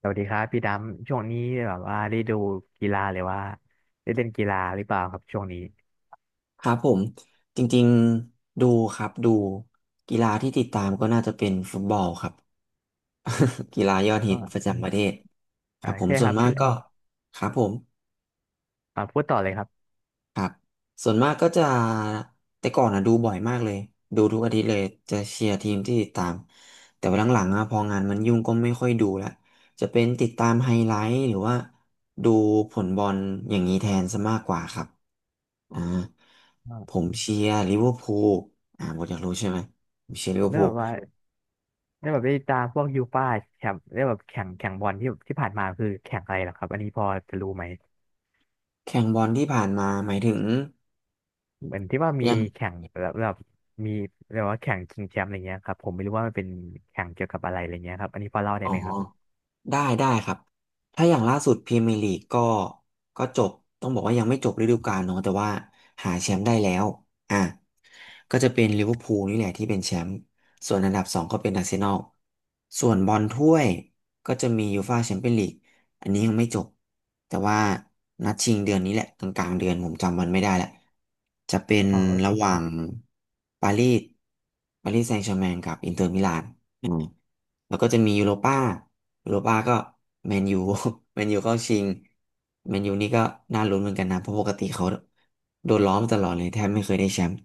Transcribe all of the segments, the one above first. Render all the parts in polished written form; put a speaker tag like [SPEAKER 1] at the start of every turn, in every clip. [SPEAKER 1] สวัสดีครับพี่ดำช่วงนี้แบบว่าได้ดูกีฬาหรือว่าได้เล่นกีฬาหรือเปล่าครับช่วงนี้
[SPEAKER 2] ครับผมจริงๆดูครับดูกีฬาที่ติดตามก็น่าจะเป็นฟุตบอลครับ กีฬายอดฮิตประ
[SPEAKER 1] อ่า
[SPEAKER 2] จำประเทศค
[SPEAKER 1] อ่า
[SPEAKER 2] รับผม
[SPEAKER 1] ใช่
[SPEAKER 2] ส่
[SPEAKER 1] ค
[SPEAKER 2] ว
[SPEAKER 1] รั
[SPEAKER 2] น
[SPEAKER 1] บ
[SPEAKER 2] มาก
[SPEAKER 1] พี่
[SPEAKER 2] ก็ครับผม
[SPEAKER 1] อ่าพูดต่อเลยครับ
[SPEAKER 2] ครับส่วนมากก็จะแต่ก่อนอะดูบ่อยมากเลยดูทุกอาทิตย์เลยจะเชียร์ทีมที่ติดตามแต่ว่าหลังๆอะพองานมันยุ่งก็ไม่ค่อยดูละจะเป็นติดตามไฮไลท์หรือว่าดูผลบอลอย่างนี้แทนซะมากกว่าครับอ่าผ
[SPEAKER 1] อ่า
[SPEAKER 2] มเชียร์ลิเวอร์พูลหมดอยากรู้ใช่ไหมผมเชียร์ลิเวอร์
[SPEAKER 1] แล้ว
[SPEAKER 2] พู
[SPEAKER 1] แบ
[SPEAKER 2] ล
[SPEAKER 1] บว่าได้แบบได้ตามพวกยูฟ่าแชมป์ได้แบบแข่งบอลที่ที่ผ่านมาคือแข่งอะไรเหรอครับอันนี้พอจะรู้ไหม
[SPEAKER 2] แข่งบอลที่ผ่านมาหมายถึง
[SPEAKER 1] เหมือนที่ว่ามี
[SPEAKER 2] ยัง
[SPEAKER 1] แข่งแบบมีเรียกว่าแข่งชิงแชมป์อะไรเงี้ยครับผมไม่รู้ว่ามันเป็นแข่งเกี่ยวกับอะไรอะไรเงี้ยครับอันนี้พอเล่าได้
[SPEAKER 2] อ๋อ
[SPEAKER 1] ไหมครับ
[SPEAKER 2] ได้ได้ครับถ้าอย่างล่าสุดพรีเมียร์ลีกก็ก็จบต้องบอกว่ายังไม่จบฤดูกาลเนาะแต่ว่าหาแชมป์ได้แล้วอ่ะก็จะเป็นลิเวอร์พูลนี่แหละที่เป็นแชมป์ส่วนอันดับสองก็เป็นอาร์เซนอลส่วนบอลถ้วยก็จะมียูฟ่าแชมเปี้ยนลีกอันนี้ยังไม่จบแต่ว่านัดชิงเดือนนี้แหละกลางๆเดือนผมจำวันไม่ได้แหละจะเป็น
[SPEAKER 1] พอว่
[SPEAKER 2] ระ
[SPEAKER 1] เป็น
[SPEAKER 2] หว่างปารีสปารีสแซงต์แชร์แมงกับอินเตอร์มิลาน แล้วก็จะมียูโรป้าก็แมนยู แมนยูเข้าชิง แมนยูนี่ก็น่าลุ้นเหมือนกันนะ เพราะปกติเขาโดนล้อมาตลอดเลยแทบไม่เคยได้แชมป์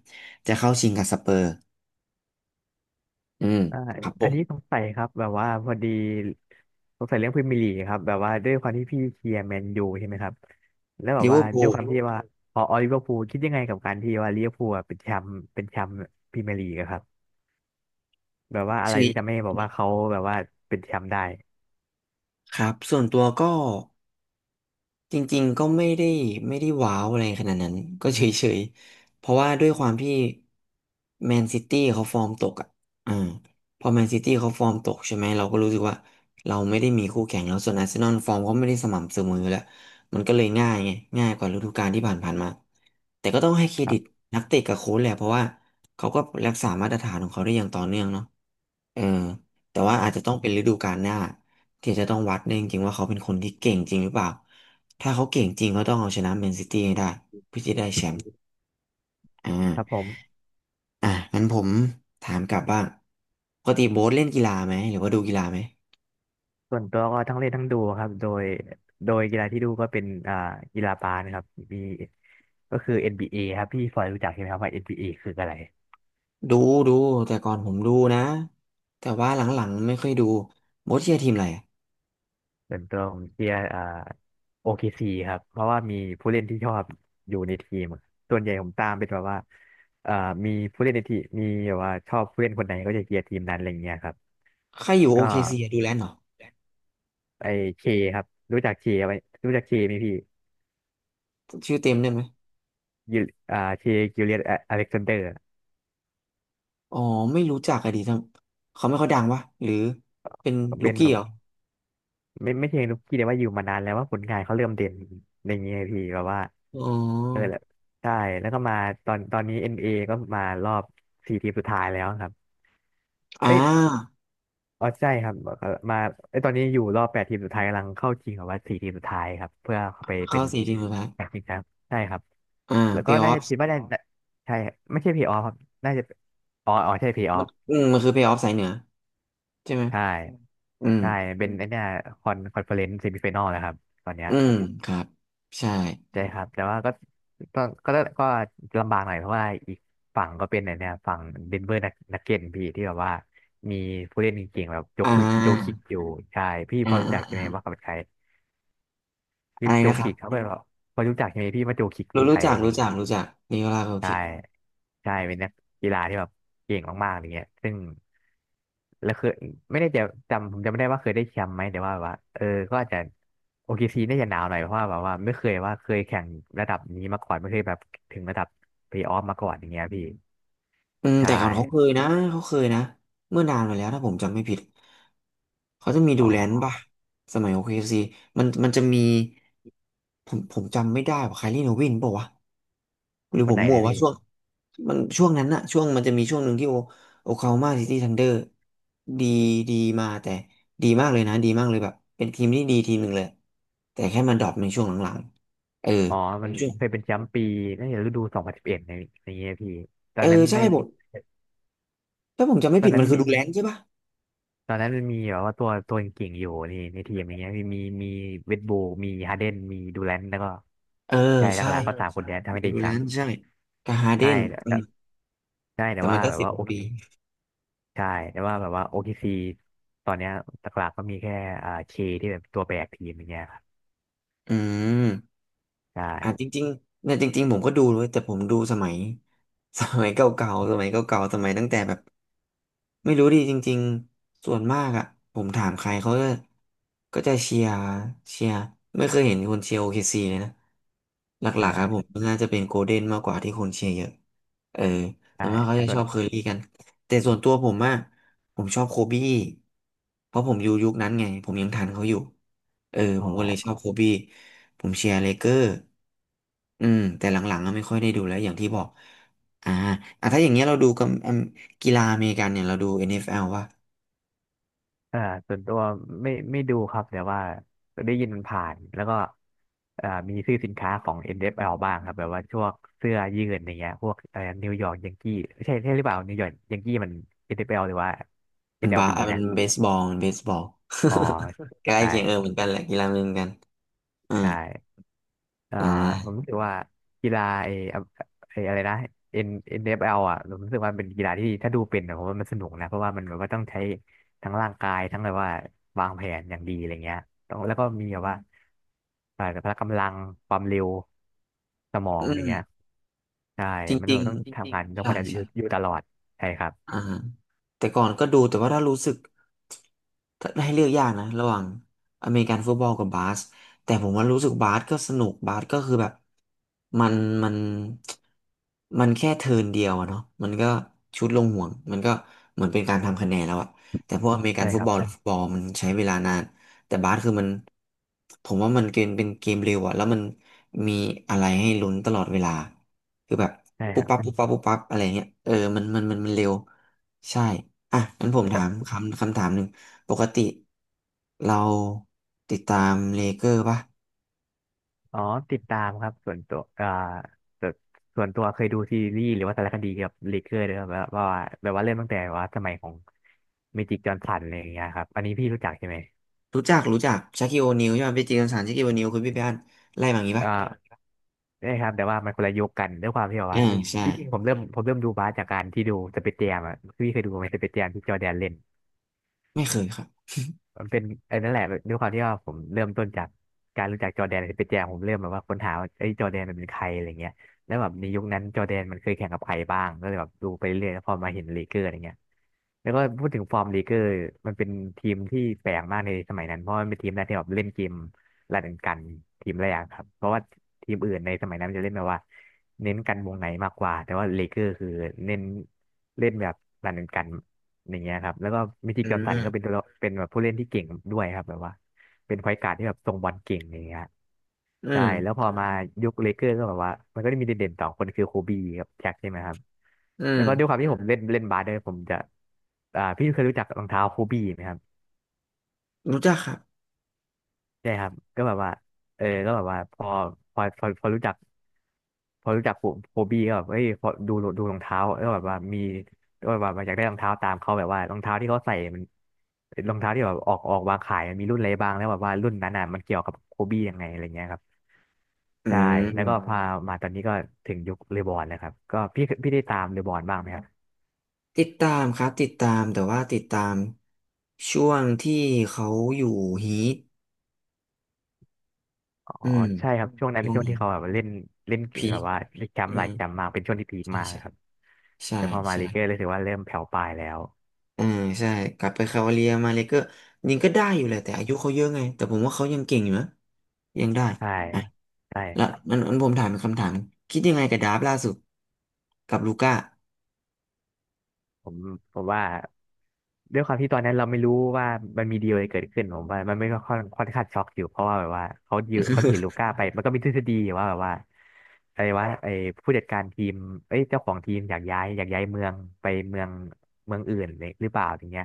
[SPEAKER 2] จะเข้าชิงกับสเปอร์ อืม
[SPEAKER 1] ใช่
[SPEAKER 2] ครับผ
[SPEAKER 1] อัน
[SPEAKER 2] ม
[SPEAKER 1] นี้สงสัยครับแบบว่าพอดีสงสัยเรื่องพรีเมียร์ลีกครับแบบว่าด้วยความที่พี่เชียร์แมนยูใช่ไหมครับแล้วแบ
[SPEAKER 2] ลิ
[SPEAKER 1] บ
[SPEAKER 2] เวอ
[SPEAKER 1] ว่า
[SPEAKER 2] ร์พู
[SPEAKER 1] ด้วย
[SPEAKER 2] ล
[SPEAKER 1] ความที่ว่าพอลิเวอร์พูลคิดยังไงกับการที่ว่าลิเวอร์พูลอะเป็นแชมป์พรีเมียร์ลีกอะครับแบบว่าอะไร
[SPEAKER 2] ชื่อ
[SPEAKER 1] ที่ทำให้แบบว่าเขาแบบว่าเป็นแชมป์ได้
[SPEAKER 2] ครับ ส่วนตัวก็ จริงๆก็ไม่ได้ว้าวอะไรขนาดนั้น ก็เฉยๆเพราะว่าด้วยความที่แมนซิตี้เขาฟอร์มตกอ่ะอ่าพอแมนซิตี้เขาฟอร์มตกใช่ไหมเราก็รู้สึกว่าเราไม่ได้มีคู่แข่งแล้วส่วนอาร์เซนอลฟอร์มเขาไม่ได้สม่ำเสมออยู่แล้วมันก็เลยง่ายไงง่ายกว่าฤดูกาลที่ผ่านๆมาแต่ก็ต้องให้เคร
[SPEAKER 1] ค
[SPEAKER 2] ดิ
[SPEAKER 1] รั
[SPEAKER 2] ต
[SPEAKER 1] บ
[SPEAKER 2] นักเตะกับโค้ชแหละเพราะว่าเขาก็รักษามาตรฐานของเขาได้อย่างต่อเนื่องเนาะเออแต่ว่า
[SPEAKER 1] ค
[SPEAKER 2] อา
[SPEAKER 1] รั
[SPEAKER 2] จจะ
[SPEAKER 1] บ
[SPEAKER 2] ต้องเป็นฤดูกาลหน้าที่จะต้องวัดเนี่ยจริงๆว่าเขาเป็นคนที่เก่งจริงหรือเปล่า ถ้าเขาเก่งจริงก็ต้องเอาชนะแมนซิตี้ให้ได้เพื่อจะได้แชมป์อ่
[SPEAKER 1] ครับผ
[SPEAKER 2] า
[SPEAKER 1] ม
[SPEAKER 2] อ่ะงั้นผมถามกลับบ้างปกติโบ๊ทเล่นกีฬาไหมหรือว่าดูกีฬาไหม
[SPEAKER 1] ส่วนตัวก็ทั้งเล่นทั้งดูครับโดยกีฬาที่ดูก็เป็นอ่ากีฬาบาสนะครับมีก็คือเอ็นบีเอครับพี่ฟอยรู้จักใช่ไหมครับว่า n เอคืออะไร
[SPEAKER 2] ดูดูแต่ก่อนผมดูนะแต่ว่าหลังๆไม่ค่อยดูโบ๊ทเชียร์ทีมอะไรอะ
[SPEAKER 1] ส่วนตัวผมเชียร์อ่าโอเคซีครับเพราะว่ามีผู้เล่นที่ชอบอยู่ในทีมส่วนใหญ่ผมตามเป็นแบบว่าอ่ามีผู้เล่นในทีมมีแบบว่าชอบผู้เล่นคนไหนก็จะเชียร์ทีมนั้นอะไรเงี้ยครับ
[SPEAKER 2] ใครอยู่โอ
[SPEAKER 1] ก็
[SPEAKER 2] เคซีดูแลนด์เหรอ
[SPEAKER 1] ไอเคครับรู้จักเคไหมรู้จักเคไหมพี่
[SPEAKER 2] ชื่อเต็มได้ไหม
[SPEAKER 1] ยูเคกิลเลียนอเล็กซานเดอร์
[SPEAKER 2] อ๋อไม่รู้จักอะดีทั้งเขาไม่ค่อยดังวะหรือเป็นลู
[SPEAKER 1] เป็
[SPEAKER 2] ก
[SPEAKER 1] นแบ
[SPEAKER 2] กี้เหรอ
[SPEAKER 1] บไม่เชิงลูกกี้แต่ว่าอยู่มานานแล้วว่าผลงานเขาเริ่มเด่นอะไรเงี้ยพี่แบบว่า
[SPEAKER 2] อ๋
[SPEAKER 1] เออ
[SPEAKER 2] อ
[SPEAKER 1] แล้วใช่แล้วก็มาตอนนี้เอ็นเ a ก็มารอบสี่ทีมสุดท้ายแล้วครับ
[SPEAKER 2] อ่
[SPEAKER 1] เอ้ย
[SPEAKER 2] า
[SPEAKER 1] อ๋อใช่ครับมาไอยตอนนี้อยู่รอบแปดทีมสุดท้ายกำลังเข้าชิงกับว่าสี่ทีมสุดท้ายครับเพื่อเข้าไปเป็
[SPEAKER 2] เข้า
[SPEAKER 1] น
[SPEAKER 2] สี่ทีมสุดท้าย
[SPEAKER 1] แปดทีมครับใช่ครับ
[SPEAKER 2] อ่า
[SPEAKER 1] แล้ว
[SPEAKER 2] เพ
[SPEAKER 1] ก็
[SPEAKER 2] ย์อ
[SPEAKER 1] น่า
[SPEAKER 2] อฟ
[SPEAKER 1] จะคิดว่าได้ใช่ไม่ใช่เพลย์ออฟครับน่าจะอ๋ออ๋อใช่เพลย์ออ
[SPEAKER 2] มัน
[SPEAKER 1] ฟ
[SPEAKER 2] มันคือเพย์ออฟสายเหนือใช่ไหม
[SPEAKER 1] ใช่
[SPEAKER 2] อืม
[SPEAKER 1] ใช่เป็นไอเนี่ยคอนเฟอเรนซ์เซมิไฟแนลนะครับตอนเนี้ย
[SPEAKER 2] อืมครับใช่
[SPEAKER 1] ใช่ครับแต่ว่าก็ก็ก็ลำบากหน่อยเพราะว่าอีกฝั่งก็เป็นไอเนี่ยฝั่งเดนเวอร์นักเก็ตพี่ที่แบบว่ามีผู้เล่นเก่งๆแบบ
[SPEAKER 2] อ่
[SPEAKER 1] โจคิด
[SPEAKER 2] า
[SPEAKER 1] อยู่ใช่พี่พ
[SPEAKER 2] อ่า
[SPEAKER 1] อรู้จักใช่ไหม
[SPEAKER 2] อ่า
[SPEAKER 1] ว่าเขาเป็นใคร คือ
[SPEAKER 2] อะไร
[SPEAKER 1] โจ
[SPEAKER 2] นะครั
[SPEAKER 1] คิ
[SPEAKER 2] บ
[SPEAKER 1] กเขาก็แบบพอรู้จักใช่ไหมพี่ว่าโจคิกเป็นใครอะไรเงี้ย
[SPEAKER 2] รู้จักนิโคลาโค
[SPEAKER 1] ใช่
[SPEAKER 2] คิ
[SPEAKER 1] ใช่เป็นนักกีฬาที่แบบเก่งมากๆอะไรเงี้ยซึ่งแล้วคือไม่ได้จะจำผมจำไม่ได้ว่าเคยได้แชมป์ไหมแต่ว่าแบบว่าเออก็อาจจะโอเคซีน่าจะหนาวหน่อยเพราะว่าแบบว่าไม่เคยว่าเคยแข่งระดับนี้มาก่อนไม่เคยแบบถึงระดับเพลย์ออฟมาก่อนอย่างเงี้ยพี่
[SPEAKER 2] อืม
[SPEAKER 1] ใช่
[SPEAKER 2] แต่ก่อนเขาเคยนะเขาเคยนะเมื่อนานมาแล้วถ้าผมจำไม่ผิดเขาจะมีดู
[SPEAKER 1] อ๋
[SPEAKER 2] แลน
[SPEAKER 1] อ
[SPEAKER 2] ป่ะสมัย o k ซีมันจะมีผมจำไม่ได้ว่าไคลรี่โนวินบอกว่าวะหรือ
[SPEAKER 1] ค
[SPEAKER 2] ผ
[SPEAKER 1] นไห
[SPEAKER 2] ม
[SPEAKER 1] น
[SPEAKER 2] มั่ว
[SPEAKER 1] นะ
[SPEAKER 2] ว่า
[SPEAKER 1] พี่
[SPEAKER 2] ช่วงมันช่วงนั้นอะช่วงมันจะมีช่วงหนึ่งที่โอคลาโฮมาซิตี้ธันเดอร์ดีดีมาแต่ดีมากเลยนะดีมากเลยแบบเป็นทีมที่ดีทีมหนึ่งเลยแต่แค่มันดรอปในช่วงหลังๆเออ
[SPEAKER 1] อ๋อมัน
[SPEAKER 2] ช่วง
[SPEAKER 1] เคยเป็นแชมป์ปีน่าจะฤดู2011ในในเงี้ยพี่ตอ
[SPEAKER 2] เออ
[SPEAKER 1] นนั้น
[SPEAKER 2] ใช่
[SPEAKER 1] ใน
[SPEAKER 2] ผมถ้าผมจำไม่
[SPEAKER 1] ตอ
[SPEAKER 2] ผิ
[SPEAKER 1] น
[SPEAKER 2] ด
[SPEAKER 1] นั้
[SPEAKER 2] มั
[SPEAKER 1] น
[SPEAKER 2] นคื
[SPEAKER 1] มี
[SPEAKER 2] อดูแลนใช่ป่ะ
[SPEAKER 1] ตอนนั้นมันมีแบบว่าตัวเก่งๆอยู่นี่ในทีมอย่างเงี้ยมีเวดบูมีฮาเดนมีดูแลนแล้วก็
[SPEAKER 2] เออ
[SPEAKER 1] ใช่หเออ
[SPEAKER 2] ใช่
[SPEAKER 1] ลักๆก็สามคนใช่เนี้ยถ้าไม่
[SPEAKER 2] เป็น
[SPEAKER 1] ได้
[SPEAKER 2] ดู
[SPEAKER 1] แช
[SPEAKER 2] แล
[SPEAKER 1] ม
[SPEAKER 2] น
[SPEAKER 1] ป์
[SPEAKER 2] ใช่กับฮาร์เด
[SPEAKER 1] ใช่
[SPEAKER 2] น
[SPEAKER 1] แต่
[SPEAKER 2] อื
[SPEAKER 1] แต่
[SPEAKER 2] ม
[SPEAKER 1] ใช่แต่
[SPEAKER 2] แต่มั
[SPEAKER 1] ว่า
[SPEAKER 2] นก็
[SPEAKER 1] แบบ
[SPEAKER 2] สิบ
[SPEAKER 1] ว่า
[SPEAKER 2] ก
[SPEAKER 1] โอ
[SPEAKER 2] ว่า
[SPEAKER 1] เค
[SPEAKER 2] ปี
[SPEAKER 1] ใช่แต่ว่าแบบว่าโอเคซีตอนเนี้ยหลักๆก็มีแค่อ่าเคที่แบบตัวแบกทีมอย่างเงี้ยครับ
[SPEAKER 2] อืม
[SPEAKER 1] ใช
[SPEAKER 2] จ
[SPEAKER 1] ่
[SPEAKER 2] ริงๆเนี่ยจริงๆผมก็ดูเลยแต่ผมดูสมัย สมัยเก่าๆสมัยเก่าๆสมัยตั้งแต่แบบ ไม่รู้ดิจริงๆส่วนมากอ่ะผมถามใครเขาก็ก็จะเชียร์ไม่เคยเห็นคนเชียร์โอเคซีเลยนะห
[SPEAKER 1] ใ
[SPEAKER 2] ลักๆครับผม
[SPEAKER 1] ช่
[SPEAKER 2] น่าจะเป็นโกลเด้นมากกว่าที่คนเชียร์เยอะเออส่
[SPEAKER 1] ใช่
[SPEAKER 2] วนมากเขาจะ
[SPEAKER 1] ส่
[SPEAKER 2] ช
[SPEAKER 1] วน
[SPEAKER 2] อบเคอรี่กันแต่ส่วนตัวผมอะผมชอบโคบี้เพราะผมอยู่ยุคนั้นไงผมยังทันเขาอยู่เออ
[SPEAKER 1] อ๋
[SPEAKER 2] ผมก็เลยช
[SPEAKER 1] อ
[SPEAKER 2] อบโคบี้ผมเชียร์เลเกอร์อืมแต่หลังๆก็ไม่ค่อยได้ดูแล้วอย่างที่บอกอ่าอ่ะถ้าอย่างเงี้ยเราดูกับ กีฬาอเมริกันเนี่ยเราดู NFL ว่า
[SPEAKER 1] อ่าส่วนตัวไม่ดูครับแต่ว่าได้ยินมันผ่านแล้วก็อ่ามีซื้อสินค้าของ NFL บ้างครับแบบว่าช่วงเสื้อยืดอย่างเงี้ยพวกอะไรนิวยอร์กยังกี้ใช่ใช่หรือเปล่านิวยอร์กยังกี้มัน NFL หรือว่า NLB นแอลบี
[SPEAKER 2] มัน
[SPEAKER 1] นะ
[SPEAKER 2] เบสบอลมันเบสบอล
[SPEAKER 1] อ๋อ
[SPEAKER 2] ใกล้
[SPEAKER 1] ใช่
[SPEAKER 2] เคียงเออเหมือนกันแหละกีฬาเหมือนกันอื
[SPEAKER 1] ใช
[SPEAKER 2] ม
[SPEAKER 1] ่เอ่อ
[SPEAKER 2] อ่
[SPEAKER 1] ผม
[SPEAKER 2] า
[SPEAKER 1] รู้สึกว่ากีฬาไอ้อะไรนะ NFL อนเอฟแอลอ่ะผมรู้สึกว่าเป็นกีฬาที่ถ้าดูเป็นนะผมว่ามันสนุกนะเพราะว่ามันแบบว่าต้องใช้ทั้งร่างกายทั้งแบบว่าวางแผนอย่างดีอะไรเงี้ยต้องแล้วก็มีแบบว่าพละกำลังความเร็วสมอ
[SPEAKER 2] อื
[SPEAKER 1] งอ
[SPEAKER 2] ม
[SPEAKER 1] ย่างเงี้ยใช่
[SPEAKER 2] จ
[SPEAKER 1] มันต้
[SPEAKER 2] ริ
[SPEAKER 1] อง
[SPEAKER 2] ง
[SPEAKER 1] ต้องทำงาน
[SPEAKER 2] ๆ
[SPEAKER 1] ต้อง
[SPEAKER 2] ใช่
[SPEAKER 1] มาอ
[SPEAKER 2] ใช่
[SPEAKER 1] ยู่อยู่ตลอดใช่ครับ
[SPEAKER 2] อ่าแต่ก่อนก็ดูแต่ว่าถ้ารู้สึกถ้าให้เลือกยากนะระหว่างอเมริกันฟุตบอลกับบาสแต่ผมว่ารู้สึกบาสก็สนุกบาสก็คือแบบมันมันมันแค่เทิร์นเดียวอะเนาะมันก็ชุดลงห่วงมันก็เหมือนเป็นการทำคะแนนแล้วอะแต่พวกอเมริกัน
[SPEAKER 1] ใช่
[SPEAKER 2] ฟุ
[SPEAKER 1] ค
[SPEAKER 2] ต
[SPEAKER 1] รั
[SPEAKER 2] บ
[SPEAKER 1] บ
[SPEAKER 2] อลหรือฟุตบอลมันใช้เวลานานแต่บาสคือมันผมว่ามันเกมเป็นเกมเร็วอะแล้วมันมีอะไรให้ลุ้นตลอดเวลา คือแบบ
[SPEAKER 1] ใช่
[SPEAKER 2] ปุ๊
[SPEAKER 1] ค
[SPEAKER 2] บ
[SPEAKER 1] รับ
[SPEAKER 2] ปั๊บปุ๊บปั๊บปุ๊บปั๊บอะไรเงี้ยเออมันเร็วใช่อ่ะงั้นผมถามคำถามหนึ่งปกติเราติดตามเลเกอร์ป่ะ
[SPEAKER 1] อ๋อติดตามครับส่วนตัวส่วนส่วนตัวเคยดูซีรีส์หรือว่าสารคดีเกี่ยวกับเลเกอร์ด้วยครับแบบว่าแบบว่าเริ่มตั้งแต่ว่าสมัยของเมจิกจอห์นสันอะไรอย่างเงี้ยครับอันนี้พี่รู้จักใช่ไหม
[SPEAKER 2] รู้จักชาคิโอนิลใช่ไหมไปจีกันสารชาคิโอนิลคุณพี่ไปอ่านไล่มาอย่างงี้ป่ะ
[SPEAKER 1] อ่าใช่ครับแต่ว่ามันคนละยุคกันด้วยความที่แบบ
[SPEAKER 2] อ่า
[SPEAKER 1] ว่า
[SPEAKER 2] ใช่
[SPEAKER 1] ที่จริงผมเริ่มดูบาสจากการที่ดูสเปซแจมอ่ะพี่เคยดูไหมสเปซแจมที่จอร์แดนเล่น
[SPEAKER 2] ไม่เคยครับ
[SPEAKER 1] มันเป็นไอ้นั่นแหละด้วยความที่ว่าผมเริ่มต้นจากการรู้จักจอร์แดนเปแจมผมเริ่มแบบว่าค้นหาว่าไอ้ยจอร์แดนมันเป็นใครอะไรเงี้ยแล้วแบบในยุคนั้นจอร์แดนมันเคยแข่งกับใครบ้างก็เลยแบบดูไปเรื่อยแล้วพอมาเห็นลีเกอร์อะไรเงี้ยแล้วก็พูดถึงฟอร์มลีเกอร์มันเป็นทีมที่แปลกมากในสมัยนั้นเพราะมันเป็นทีมแรกที่แบบเล่นเกมรันกันทีมแรกครับเพราะว่าทีมอื่นในสมัยนั้นมันจะเล่นแบบว่า เน้นกันวงในมากกว่าแต่ว่าเลเกอร์คือเน้นเล่นแบบรันกันอย่างเงี้ยครับแล้วก็มิติ
[SPEAKER 2] อื
[SPEAKER 1] กกัมสันก็เป็น
[SPEAKER 2] ม
[SPEAKER 1] ตัวละเป็นแบบผู้เล่นที่เก่งด้วยครับแบบว่าเป็นไฟการ์ดที่แบบทรงบอลเก่งอย่างเงี้ย
[SPEAKER 2] อื
[SPEAKER 1] ใช่
[SPEAKER 2] ม
[SPEAKER 1] แล้วพอมายุคเลเกอร์ก็แบบว่ามันก็ได้มีเด่นๆสองคนคือโคบีกับแจ็คใช่ไหมครับ
[SPEAKER 2] อื
[SPEAKER 1] แล้วก็ด้วยควา
[SPEAKER 2] ม
[SPEAKER 1] มที่ผมเล่นเล่นบาสด้วยผมจะพี่เคยรู้จักรองเท้าโคบีไหมครับ
[SPEAKER 2] รู้จักครับ
[SPEAKER 1] ใช่ครับก็แบบว่าเออก็แบบว่าพอรู้จักพอรู้จักผมโฮบี้ก็แบบเอ้ยพอดูดูรองเท้าก็แบบว่ามีก็แบบว่าอยากได้รองเท้าตามเขาแบบว่ารองเท้าที่เขาใส่มันรองเท้าที่แบบออกวางขายมันมีรุ่นอะไรบ้างแล้วแบบว่ารุ่นนั้นน่ะมันเกี่ยวกับโฮบี้ยังไงอะไรเงี้ยครับ
[SPEAKER 2] อื
[SPEAKER 1] ใช่แล้วก็
[SPEAKER 2] ม
[SPEAKER 1] พามาตอนนี้ก็ถึงยุคเลบอนแล้วครับก็พี่ได้ตามเลบอนบ้างไหมครับ
[SPEAKER 2] ติดตามครับติดตามแต่ว่าติดตามช่วงที่เขาอยู่ฮีท
[SPEAKER 1] อ๋อ
[SPEAKER 2] อืม
[SPEAKER 1] ใช่ครับช่วงนั้นเป็
[SPEAKER 2] ช่
[SPEAKER 1] น
[SPEAKER 2] วง
[SPEAKER 1] ช่วงที่เขาแบบเล่นเล่น
[SPEAKER 2] พี
[SPEAKER 1] แบ
[SPEAKER 2] ค
[SPEAKER 1] บว่าเล่น
[SPEAKER 2] อื
[SPEAKER 1] จำหลา
[SPEAKER 2] ม
[SPEAKER 1] ยจำมากเป็นช่วงที่พีค
[SPEAKER 2] ใช่
[SPEAKER 1] มาก
[SPEAKER 2] ใช่
[SPEAKER 1] ครับ
[SPEAKER 2] ใช่
[SPEAKER 1] แต่พอมาลีเกอร์
[SPEAKER 2] ใช่
[SPEAKER 1] รู้สึกว่าเริ่มแผ่วปลายแล้ว
[SPEAKER 2] เออใช่กลับไปคาวาเลียมาเลยก็ยิงก็ได้อยู่แหละแต่อายุเขาเยอะไง แต่ผมว่าเขายังเก่งอยู่นะยังได้อ่ะ
[SPEAKER 1] ใช่
[SPEAKER 2] แล้ว
[SPEAKER 1] ใช่
[SPEAKER 2] นั้นผมถามเป็นคำถามคิดยังไงกับดาร์ฟล่าสุดกับลูก้า
[SPEAKER 1] ผมผมว่าด้วยความที่ตอนนั้นเราไม่รู้ว่ามันมีดีลอะไรเกิดขึ้นผมว่ามันไม่ก็ค่อนข้างช็อกอยู่เพราะว่าแบบว่าเขายืมเขาถือลูก้าไปมันก็มีทฤษฎีว่าแบบว่าอะไรวาไอ้ผู้จัดการทีมเอ้ยเจ้าของทีมอยากย้ายเมืองไปเมืองอื่นเลยหรือเปล่าอย่างเงี้ย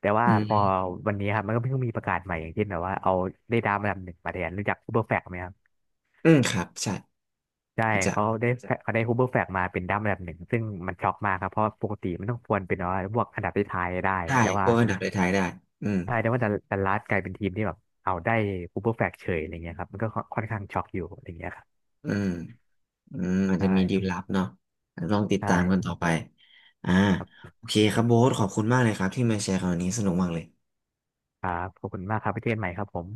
[SPEAKER 1] แต่ว่า
[SPEAKER 2] อื
[SPEAKER 1] พอ
[SPEAKER 2] ม
[SPEAKER 1] วันนี้ครับมันก็เพิ่งมีประกาศใหม่อย่างเช่นแบบว่าเอาได้ดาวมาลำหนึ่งมาแทนรู้จักอูเบอร์แฟกไหมครับ
[SPEAKER 2] ครับใช่
[SPEAKER 1] ใช่
[SPEAKER 2] จะ
[SPEAKER 1] เขาได้เขาได้ฮูเบอร์แฟกมาเป็นดั้ามอันดับหนึ่งซึ่งมันช็อกมากครับเพราะปกติมันต้องควรเป็นว่าพวกอันดับท้ายๆได้
[SPEAKER 2] ได้
[SPEAKER 1] แต่
[SPEAKER 2] พ
[SPEAKER 1] ว่า
[SPEAKER 2] วกอันดับท้ายๆได้อืม
[SPEAKER 1] ใช่แต่ว่าดัลลัสกลายเป็นทีมที่แบบเอาได้ฮูเบอร์แฟกเฉยอะไรเงี้ยครับมันก็ค่อนข้างช็อกอยู่อะไรเงี้ยครับ
[SPEAKER 2] อืมอืมอาจจะมีดีล
[SPEAKER 1] ใช่
[SPEAKER 2] ลับเนาะลองติด
[SPEAKER 1] ใช่
[SPEAKER 2] ตามกันต่อไปอ่า
[SPEAKER 1] ครับ
[SPEAKER 2] โอเคครับโบ๊ทขอบคุณมากเลยครับที่มาแชร์คราวนี้สนุกมากเลย
[SPEAKER 1] ครับขอบคุณมากครับไปเจอกันใหม่ครับผม